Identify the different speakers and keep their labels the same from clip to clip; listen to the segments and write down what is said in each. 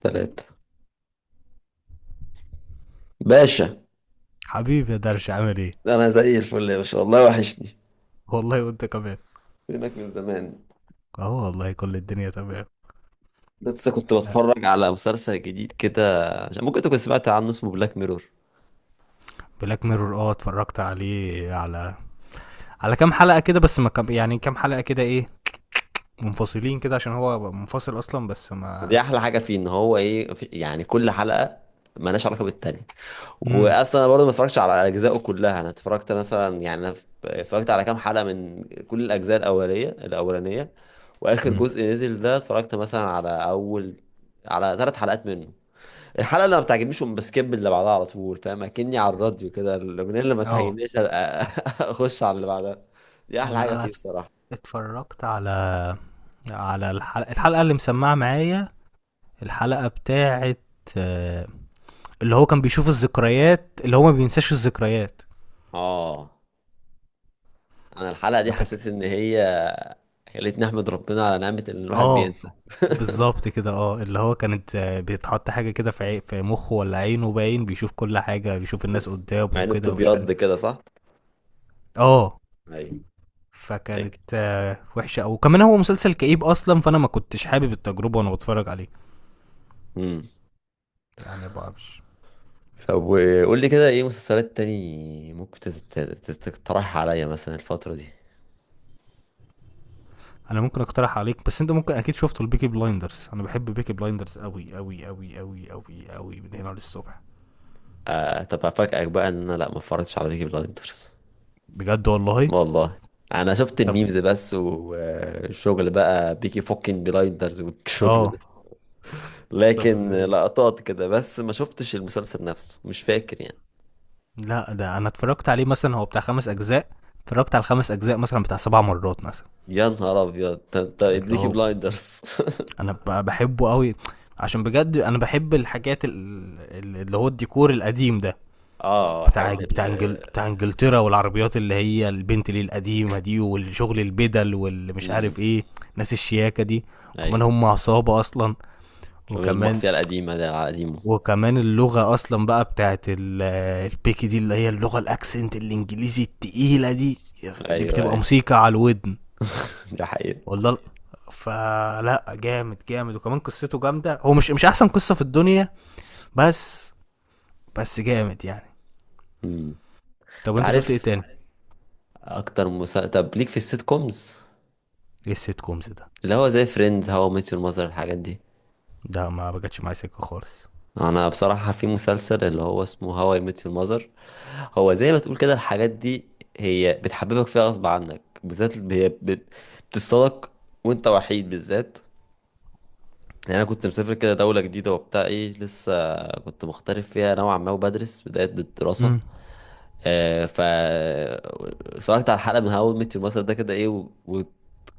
Speaker 1: تلاتة باشا.
Speaker 2: حبيبي يا درش عامل ايه.
Speaker 1: أنا زي الفل يا باشا والله، وحشني،
Speaker 2: والله وانت كمان.
Speaker 1: فينك من زمان؟
Speaker 2: اهو والله كل الدنيا تمام.
Speaker 1: لسه كنت بتفرج على مسلسل جديد كده، ممكن تكون سمعت عنه، اسمه بلاك ميرور.
Speaker 2: بلاك ميرور، اه اتفرجت عليه، على على كام حلقه كده، بس ما كم، يعني كام حلقه كده ايه، منفصلين كده عشان هو منفصل اصلا، بس
Speaker 1: دي
Speaker 2: ما
Speaker 1: أحلى حاجة فيه، إن هو إيه، يعني كل حلقة مالهاش علاقة بالتانية.
Speaker 2: امم
Speaker 1: وأصلا أنا برضه ما اتفرجتش على أجزائه كلها، أنا اتفرجت مثلا، يعني أنا اتفرجت على كام حلقة من كل الأجزاء الأولية الأولانية. وآخر
Speaker 2: امم
Speaker 1: جزء نزل ده اتفرجت مثلا على 3 حلقات منه. الحلقه اللي ما بتعجبنيش أقوم بسكيب اللي بعدها على طول، فاهم؟ اكني على الراديو كده، الاغنيه اللي ما
Speaker 2: اه
Speaker 1: تعجبنيش اخش على اللي بعدها. دي احلى
Speaker 2: انا
Speaker 1: حاجه
Speaker 2: انا
Speaker 1: فيه
Speaker 2: اتف-
Speaker 1: الصراحه.
Speaker 2: اتفرجت على على الحلقه اللي مسمعه معايا، الحلقه بتاعه آه، اللي هو كان بيشوف الذكريات، اللي هو ما بينساش الذكريات.
Speaker 1: اه. انا الحلقه دي
Speaker 2: فاك-
Speaker 1: حسيت ان هي خلتني احمد ربنا على نعمه ان الواحد
Speaker 2: اه
Speaker 1: بينسى.
Speaker 2: بالظبط كده، اه اللي هو كانت، بيتحط حاجة كده في في مخه ولا عينه باين، بيشوف كل حاجة، بيشوف الناس قدامه
Speaker 1: مع انه
Speaker 2: وكده ومش عارف.
Speaker 1: بتبيض كده، صح؟
Speaker 2: اه
Speaker 1: ايوه.
Speaker 2: فكانت
Speaker 1: هيك.
Speaker 2: وحشة أوي، وكمان هو مسلسل كئيب أصلا، فأنا ما كنتش حابب التجربة وأنا بتفرج عليه.
Speaker 1: امم
Speaker 2: يعني بقى مش.
Speaker 1: طب وقول لي كده، ايه مسلسلات تاني ممكن تقترحها عليا مثلا الفتره دي؟
Speaker 2: أنا ممكن أقترح عليك، بس أنت ممكن أكيد شفته البيكي بلايندرز، أنا بحب بيكي بلايندرز أوي أوي أوي أوي أوي أوي، من هنا للصبح.
Speaker 1: آه، طب افاجئك بقى ان انا لا، ما اتفرجتش على بيكي بلايندرز.
Speaker 2: بجد والله.
Speaker 1: والله. انا شفت
Speaker 2: طب
Speaker 1: الميمز بس، والشغل بقى بيكي فوكين بلايندرز والشغل
Speaker 2: اه.
Speaker 1: ده.
Speaker 2: طب
Speaker 1: لكن لقطات كده بس، ما شفتش المسلسل نفسه، مش فاكر يعني.
Speaker 2: لا، ده انا اتفرجت عليه مثلا، هو بتاع خمس اجزاء، اتفرجت على الخمس اجزاء مثلا بتاع سبع مرات مثلا.
Speaker 1: يا نهار ابيض، ده انت
Speaker 2: اللي
Speaker 1: بيكي
Speaker 2: هو
Speaker 1: بلايندرز!
Speaker 2: بحبه قوي، عشان بجد انا بحب الحاجات اللي هو الديكور القديم ده،
Speaker 1: اه،
Speaker 2: بتاع
Speaker 1: الحاجات
Speaker 2: بتاع
Speaker 1: ال.
Speaker 2: بتاع انجلترا، والعربيات اللي هي، البنت اللي القديمه دي، والشغل البدل، واللي مش
Speaker 1: امم
Speaker 2: عارف ايه، ناس الشياكه دي. وكمان
Speaker 1: ايوه،
Speaker 2: هم عصابه اصلا.
Speaker 1: شغل
Speaker 2: وكمان
Speaker 1: المافيا القديمه ده، على قديمه.
Speaker 2: وكمان اللغة أصلا بقى بتاعت البيكي دي، اللي هي اللغة، الأكسنت الإنجليزي التقيلة دي، دي
Speaker 1: ايوه
Speaker 2: بتبقى
Speaker 1: ايوه.
Speaker 2: موسيقى على الودن.
Speaker 1: ده حقيقي.
Speaker 2: والله فلا جامد جامد، وكمان قصته جامدة، هو مش مش أحسن قصة في الدنيا، بس بس جامد يعني.
Speaker 1: امم
Speaker 2: طب
Speaker 1: انت
Speaker 2: أنت شفت إيه
Speaker 1: عارف
Speaker 2: تاني؟
Speaker 1: اكتر مسلسل، طب ليك في السيت كومز؟
Speaker 2: إيه السيت كومز ده؟
Speaker 1: اللي هو زي فريندز، هاو ميت يور ماذر، الحاجات دي.
Speaker 2: ده ما بجتش معايا سكة خالص.
Speaker 1: انا بصراحة في مسلسل اللي هو اسمه هاو اي ميت يور ماذر، هو زي ما تقول كده الحاجات دي، هي بتحببك فيها غصب عنك. بالذات بتصطادك وانت وحيد، بالذات. يعني انا كنت مسافر كده دولة جديدة وبتاع ايه، لسه كنت مغترب فيها نوعا ما وبدرس بداية الدراسة.
Speaker 2: امم.
Speaker 1: آه، ف اتفرجت على حلقة من هاو ميت يور مثلا ده كده، ايه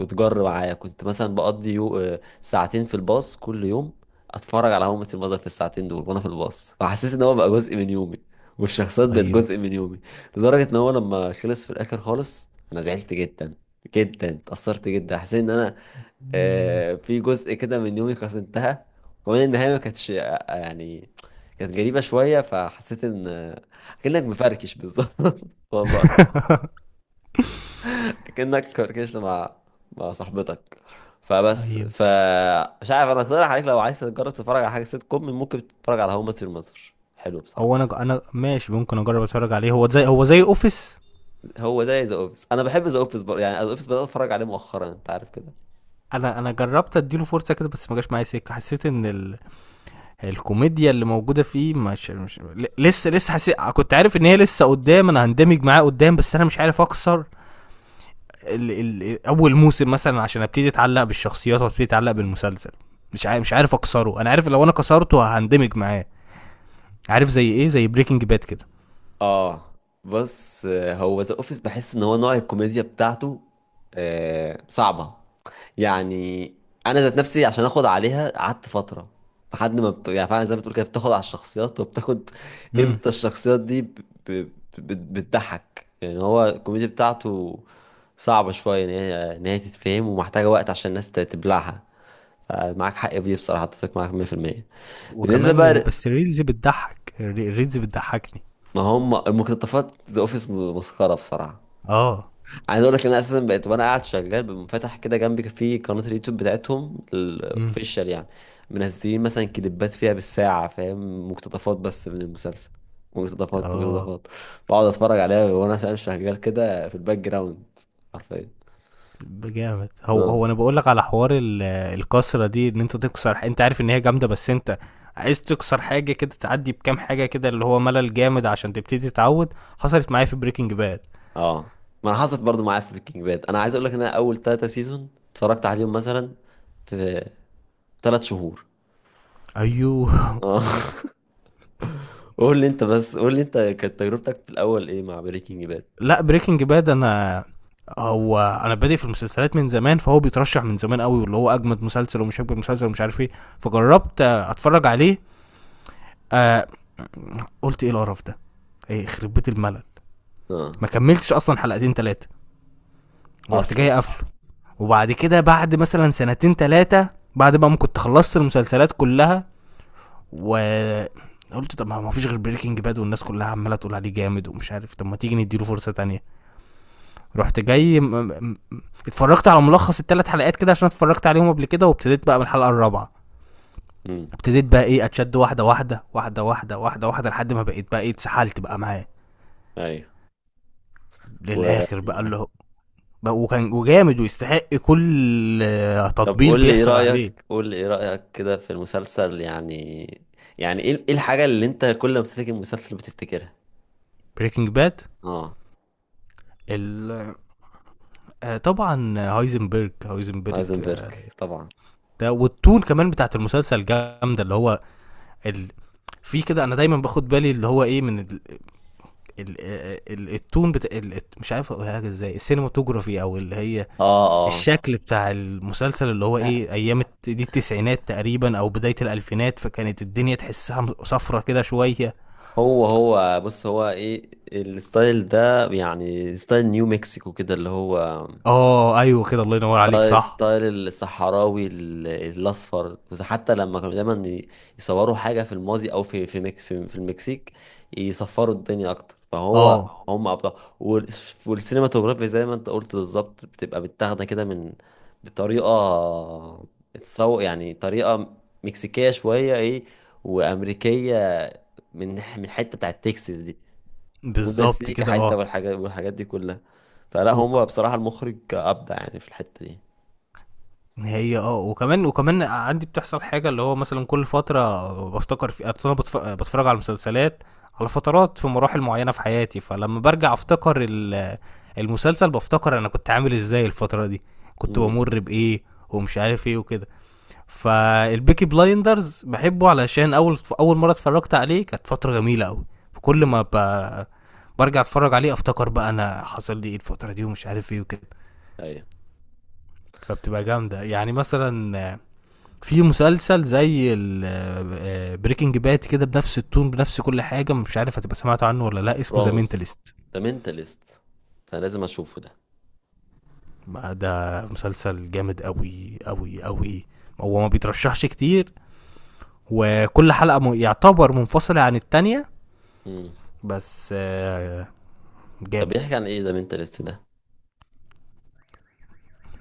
Speaker 1: وتجر معايا. كنت مثلا بقضي يو... آه، ساعتين في الباص كل يوم، اتفرج على هاو ميت يور في الساعتين دول وانا في الباص، فحسيت ان هو بقى جزء من يومي. والشخصيات بقت
Speaker 2: أيوه.
Speaker 1: جزء من يومي. لدرجة ان هو لما خلص في الاخر خالص، انا زعلت جدا جدا، اتأثرت جدا، حسيت ان انا
Speaker 2: مم.
Speaker 1: في جزء كده من يومي خلاص انتهى. وكمان النهاية ما كانتش يعني كانت غريبة شوية، فحسيت ان كأنك مفركش بالظبط. والله، كأنك فركشت مع صاحبتك. فبس
Speaker 2: ايوه.
Speaker 1: ف مش عارف، انا اقترح عليك لو عايز تجرب تتفرج على حاجة سيت كوم، ممكن تتفرج على هوم مات يور ماذر، حلو
Speaker 2: هو
Speaker 1: بصراحة.
Speaker 2: انا انا ماشي ممكن اجرب اتفرج عليه، هو زي هو زي اوفيس.
Speaker 1: هو زي ذا اوفيس، انا بحب ذا اوفيس يعني ذا اوفيس بدأت اتفرج عليه مؤخرا، انت عارف كده.
Speaker 2: انا انا جربت اديله فرصه كده، بس ما جاش معايا سكه، حسيت ان ال، الكوميديا اللي موجوده فيه مش، مش، لسه لسه حسيت، كنت عارف ان هي لسه قدام، انا هندمج معاه قدام، بس انا مش عارف اكسر ال، ال، اول موسم مثلا، عشان ابتدي اتعلق بالشخصيات وابتدي اتعلق بالمسلسل. مش عارف مش عارف اكسره، انا عارف لو انا كسرته هندمج معاه. عارف زي ايه؟ زي بريكنج باد كده.
Speaker 1: اه. بص، هو ذا اوفيس بحس ان هو نوع الكوميديا بتاعته آه صعبه، يعني انا ذات نفسي عشان اخد عليها قعدت فتره، لحد ما يعني فعلا زي ما بتقول كده، بتاخد على الشخصيات وبتاخد
Speaker 2: امم.
Speaker 1: امتى الشخصيات دي ب... بتضحك. يعني هو الكوميديا بتاعته صعبه شويه ان هي تتفهم، ومحتاجه وقت عشان الناس تبلعها. معاك حق في دي بصراحه، اتفق معاك 100%. بالنسبه
Speaker 2: وكمان
Speaker 1: بقى،
Speaker 2: بس الريلز بتضحك، الريلز بتضحكني.
Speaker 1: ما هم المقتطفات، ذا اوفيس مسخره بصراحه.
Speaker 2: اه.
Speaker 1: عايز اقول لك ان انا اساسا بقيت وانا قاعد شغال بمفتح كده جنبي في قناه اليوتيوب بتاعتهم
Speaker 2: امم.
Speaker 1: الاوفيشال يعني، منزلين مثلا كليبات فيها بالساعه، فاهم؟ مقتطفات بس من المسلسل، مقتطفات
Speaker 2: اه
Speaker 1: مقتطفات بقعد اتفرج عليها وانا فاهم شغال كده في الباك جراوند، حرفيا.
Speaker 2: جامد. هو
Speaker 1: اه.
Speaker 2: هو انا بقول لك على حوار الكسره دي، ان انت تكسر انت عارف ان هي جامده، بس انت عايز تكسر حاجه كده، تعدي بكام حاجه كده اللي هو ملل جامد عشان تبتدي تتعود. حصلت معايا في بريكنج باد.
Speaker 1: اه ما انا حصلت برضو معايا في بريكنج باد. انا عايز اقول لك ان انا اول 3 سيزون اتفرجت عليهم مثلا في 3 شهور.
Speaker 2: ايوه.
Speaker 1: اه قول لي انت بس، قول لي انت كانت تجربتك في الاول ايه مع بريكنج باد؟
Speaker 2: لا بريكنج باد انا، هو انا بادئ في المسلسلات من زمان، فهو بيترشح من زمان قوي، واللي هو اجمد مسلسل، ومش اجمد مسلسل، ومش عارف ايه. فجربت اتفرج عليه. آه قلت ايه القرف ده، ايه يخرب بيت الملل.
Speaker 1: اه
Speaker 2: ما كملتش اصلا حلقتين ثلاثه، ورحت جاي
Speaker 1: اصلا.
Speaker 2: قافله. وبعد كده بعد مثلا سنتين تلاتة، بعد بقى ما كنت خلصت المسلسلات كلها، و قلت طب ما فيش غير بريكنج باد، والناس كلها عماله تقول عليه جامد ومش عارف، طب ما تيجي نديله فرصه تانية. رحت جاي اتفرجت على ملخص الثلاث حلقات كده، عشان اتفرجت عليهم قبل كده، وابتديت بقى من الحلقه الرابعه.
Speaker 1: امم
Speaker 2: ابتديت بقى ايه، اتشد واحده واحده واحده واحده واحده واحده، لحد ما بقيت بقى ايه اتسحلت بقى معاه
Speaker 1: ايوه. و...
Speaker 2: للاخر بقى اللي هو، بقى وكان وجامد، ويستحق كل
Speaker 1: طب
Speaker 2: تطبيل
Speaker 1: قول لي ايه
Speaker 2: بيحصل عليه.
Speaker 1: رأيك، قول لي ايه رأيك كده في المسلسل؟ يعني، يعني ايه، ايه الحاجة اللي انت كل ما بتفتكر المسلسل بتفتكرها؟
Speaker 2: بريكنج باد،
Speaker 1: اه،
Speaker 2: ال، طبعا هايزنبرج، هايزنبرج
Speaker 1: هايزنبرج
Speaker 2: آه،
Speaker 1: طبعا.
Speaker 2: ده والتون كمان بتاعت المسلسل جامده، اللي هو ال، في كده انا دايما باخد بالي، اللي هو ايه، من التون بتاع ال، مش عارف اقولها لك ازاي، السينماتوجرافي، او اللي هي
Speaker 1: اه اه.
Speaker 2: الشكل بتاع المسلسل، اللي هو
Speaker 1: آه،
Speaker 2: ايه ايام دي التسعينات تقريبا او بدايه الالفينات، فكانت الدنيا تحسها صفرة كده شويه.
Speaker 1: هو بص، هو ايه الستايل ده؟ يعني ستايل نيو مكسيكو كده، اللي هو
Speaker 2: اه ايوه كده، الله ينور عليك،
Speaker 1: ستايل
Speaker 2: صح.
Speaker 1: ستايل الصحراوي الاصفر، بس حتى لما كانوا دايما يصوروا حاجه في الماضي او في في المكسيك، يصفروا الدنيا اكتر. فهو
Speaker 2: اه
Speaker 1: هم ابطال. وال- والسينماتوجرافي زي ما انت قلت بالظبط، بتبقى متاخده كده من بطريقه، اتسوق يعني طريقه مكسيكيه شويه، ايه، وامريكيه، من حته بتاعت تكساس دي.
Speaker 2: بالظبط
Speaker 1: والمزيكا
Speaker 2: كده
Speaker 1: حته
Speaker 2: اه.
Speaker 1: والحاجات، والحاجات دي كلها. فلا هم
Speaker 2: وك-
Speaker 1: بصراحه المخرج ابدع يعني في الحته
Speaker 2: هي اه، وكمان وكمان عندي بتحصل حاجة اللي هو مثلا كل فترة بفتكر، في أصل أنا بتفرج على مسلسلات على فترات في مراحل معينة في حياتي، فلما برجع أفتكر المسلسل، بفتكر أنا كنت عامل إزاي الفترة دي، كنت
Speaker 1: دي.
Speaker 2: بمر بإيه، ومش عارف إيه وكده. فالبيكي بلايندرز بحبه علشان أول أول مرة اتفرجت عليه كانت فترة جميلة أوي، فكل
Speaker 1: امم
Speaker 2: ما ب... برجع أتفرج عليه أفتكر بقى أنا حصل لي إيه الفترة دي، ومش عارف إيه وكده.
Speaker 1: ايوه.
Speaker 2: فبتبقى جامدة يعني. مثلا في مسلسل زي بريكنج باد كده، بنفس التون، بنفس كل حاجه، مش عارف هتبقى سمعت عنه ولا لا، اسمه ذا
Speaker 1: سوبرانوس.
Speaker 2: مينتاليست.
Speaker 1: ده منتاليست، انا لازم اشوفه ده.
Speaker 2: ده مسلسل جامد قوي قوي قوي، هو ما بيترشحش كتير، وكل حلقه يعتبر منفصله عن التانية،
Speaker 1: امم
Speaker 2: بس
Speaker 1: طب
Speaker 2: جامد.
Speaker 1: بيحكي عن ايه ده منتاليست ده؟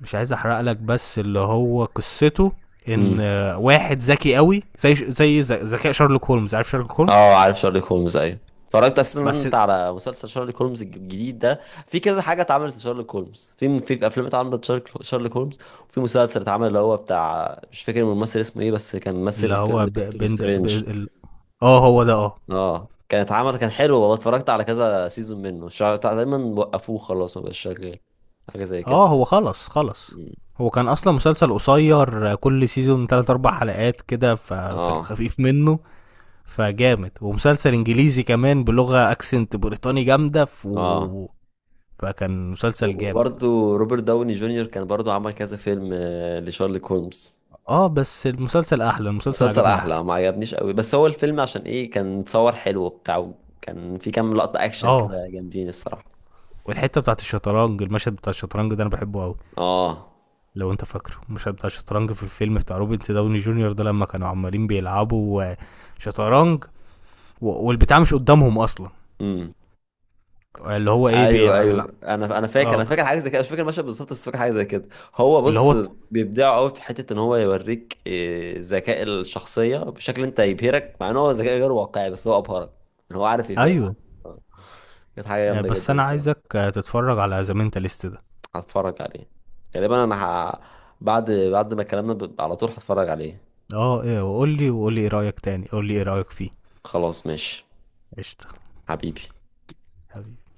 Speaker 2: مش عايز احرق لك، بس اللي هو قصته
Speaker 1: امم
Speaker 2: ان واحد ذكي قوي، زي ذكاء شارلوك هولمز. عارف شارلوك هولمز؟
Speaker 1: اه عارف شارلوك هولمز، ايوه. اتفرجت اصلا
Speaker 2: بس
Speaker 1: انت على مسلسل شارلوك هولمز الجديد ده؟ في كذا حاجه اتعملت لشارلوك هولمز، في في افلام اتعملت شارلوك هولمز، وفي مسلسل اتعمل اللي هو بتاع، مش فاكر الممثل اسمه ايه بس كان
Speaker 2: اللي
Speaker 1: ممثل فيلم
Speaker 2: هو
Speaker 1: دكتور سترينج.
Speaker 2: اه هو ده اه.
Speaker 1: اه كان اتعمل كان حلو والله، اتفرجت على كذا سيزون منه، تقريبا وقفوه خلاص، ما بقاش شغال، حاجه زي
Speaker 2: اه
Speaker 1: كده.
Speaker 2: هو خلص خلص،
Speaker 1: مم.
Speaker 2: هو كان اصلا مسلسل قصير، كل سيزون 3 4 حلقات كده، في
Speaker 1: اه.
Speaker 2: الخفيف منه، فجامد، ومسلسل انجليزي كمان، بلغة اكسنت بريطاني جامدة ف،
Speaker 1: اه
Speaker 2: فكان مسلسل جامد.
Speaker 1: وبرضه روبرت داوني جونيور كان برضه عمل كذا فيلم لشارلوك هولمز.
Speaker 2: اه بس المسلسل احلى، المسلسل
Speaker 1: مسلسل
Speaker 2: عجبني احلى.
Speaker 1: احلى، ما عجبنيش قوي، بس هو الفيلم عشان ايه كان متصور حلو وبتاع، كان في كام لقطة اكشن
Speaker 2: اه
Speaker 1: كده جامدين الصراحة.
Speaker 2: والحتة بتاعت الشطرنج، المشهد بتاع الشطرنج ده انا بحبه قوي.
Speaker 1: اه.
Speaker 2: لو انت فاكره المشهد بتاع الشطرنج في الفيلم بتاع روبرت داوني جونيور ده، لما كانوا عمالين بيلعبوا شطرنج، و- والبتاع مش قدامهم اصلا،
Speaker 1: امم
Speaker 2: اللي هو ايه
Speaker 1: ايوه ايوه، انا فاكر، انا
Speaker 2: اه،
Speaker 1: فاكر حاجه زي كده، مش فاكر المشهد بالظبط بس فاكر حاجه زي كده. هو
Speaker 2: اللي
Speaker 1: بص،
Speaker 2: هو
Speaker 1: بيبدعوا قوي في حته ان هو يوريك ذكاء الشخصيه بشكل انت يبهرك، مع ان هو ذكاء غير واقعي بس هو ابهرك، ان هو عارف يبهرك.
Speaker 2: ايوه
Speaker 1: كانت حاجه جامده
Speaker 2: بس
Speaker 1: جدا
Speaker 2: انا
Speaker 1: الصراحه.
Speaker 2: عايزك تتفرج على ذا مينتاليست ده.
Speaker 1: هتفرج عليه غالبا، بعد ما كلامنا على طول هتفرج عليه.
Speaker 2: اه، ايه؟ وقول لي، وقول لي ايه رايك تاني، قول لي ايه رايك فيه.
Speaker 1: خلاص ماشي.
Speaker 2: قشطه.
Speaker 1: حبيبي.
Speaker 2: حبيبي.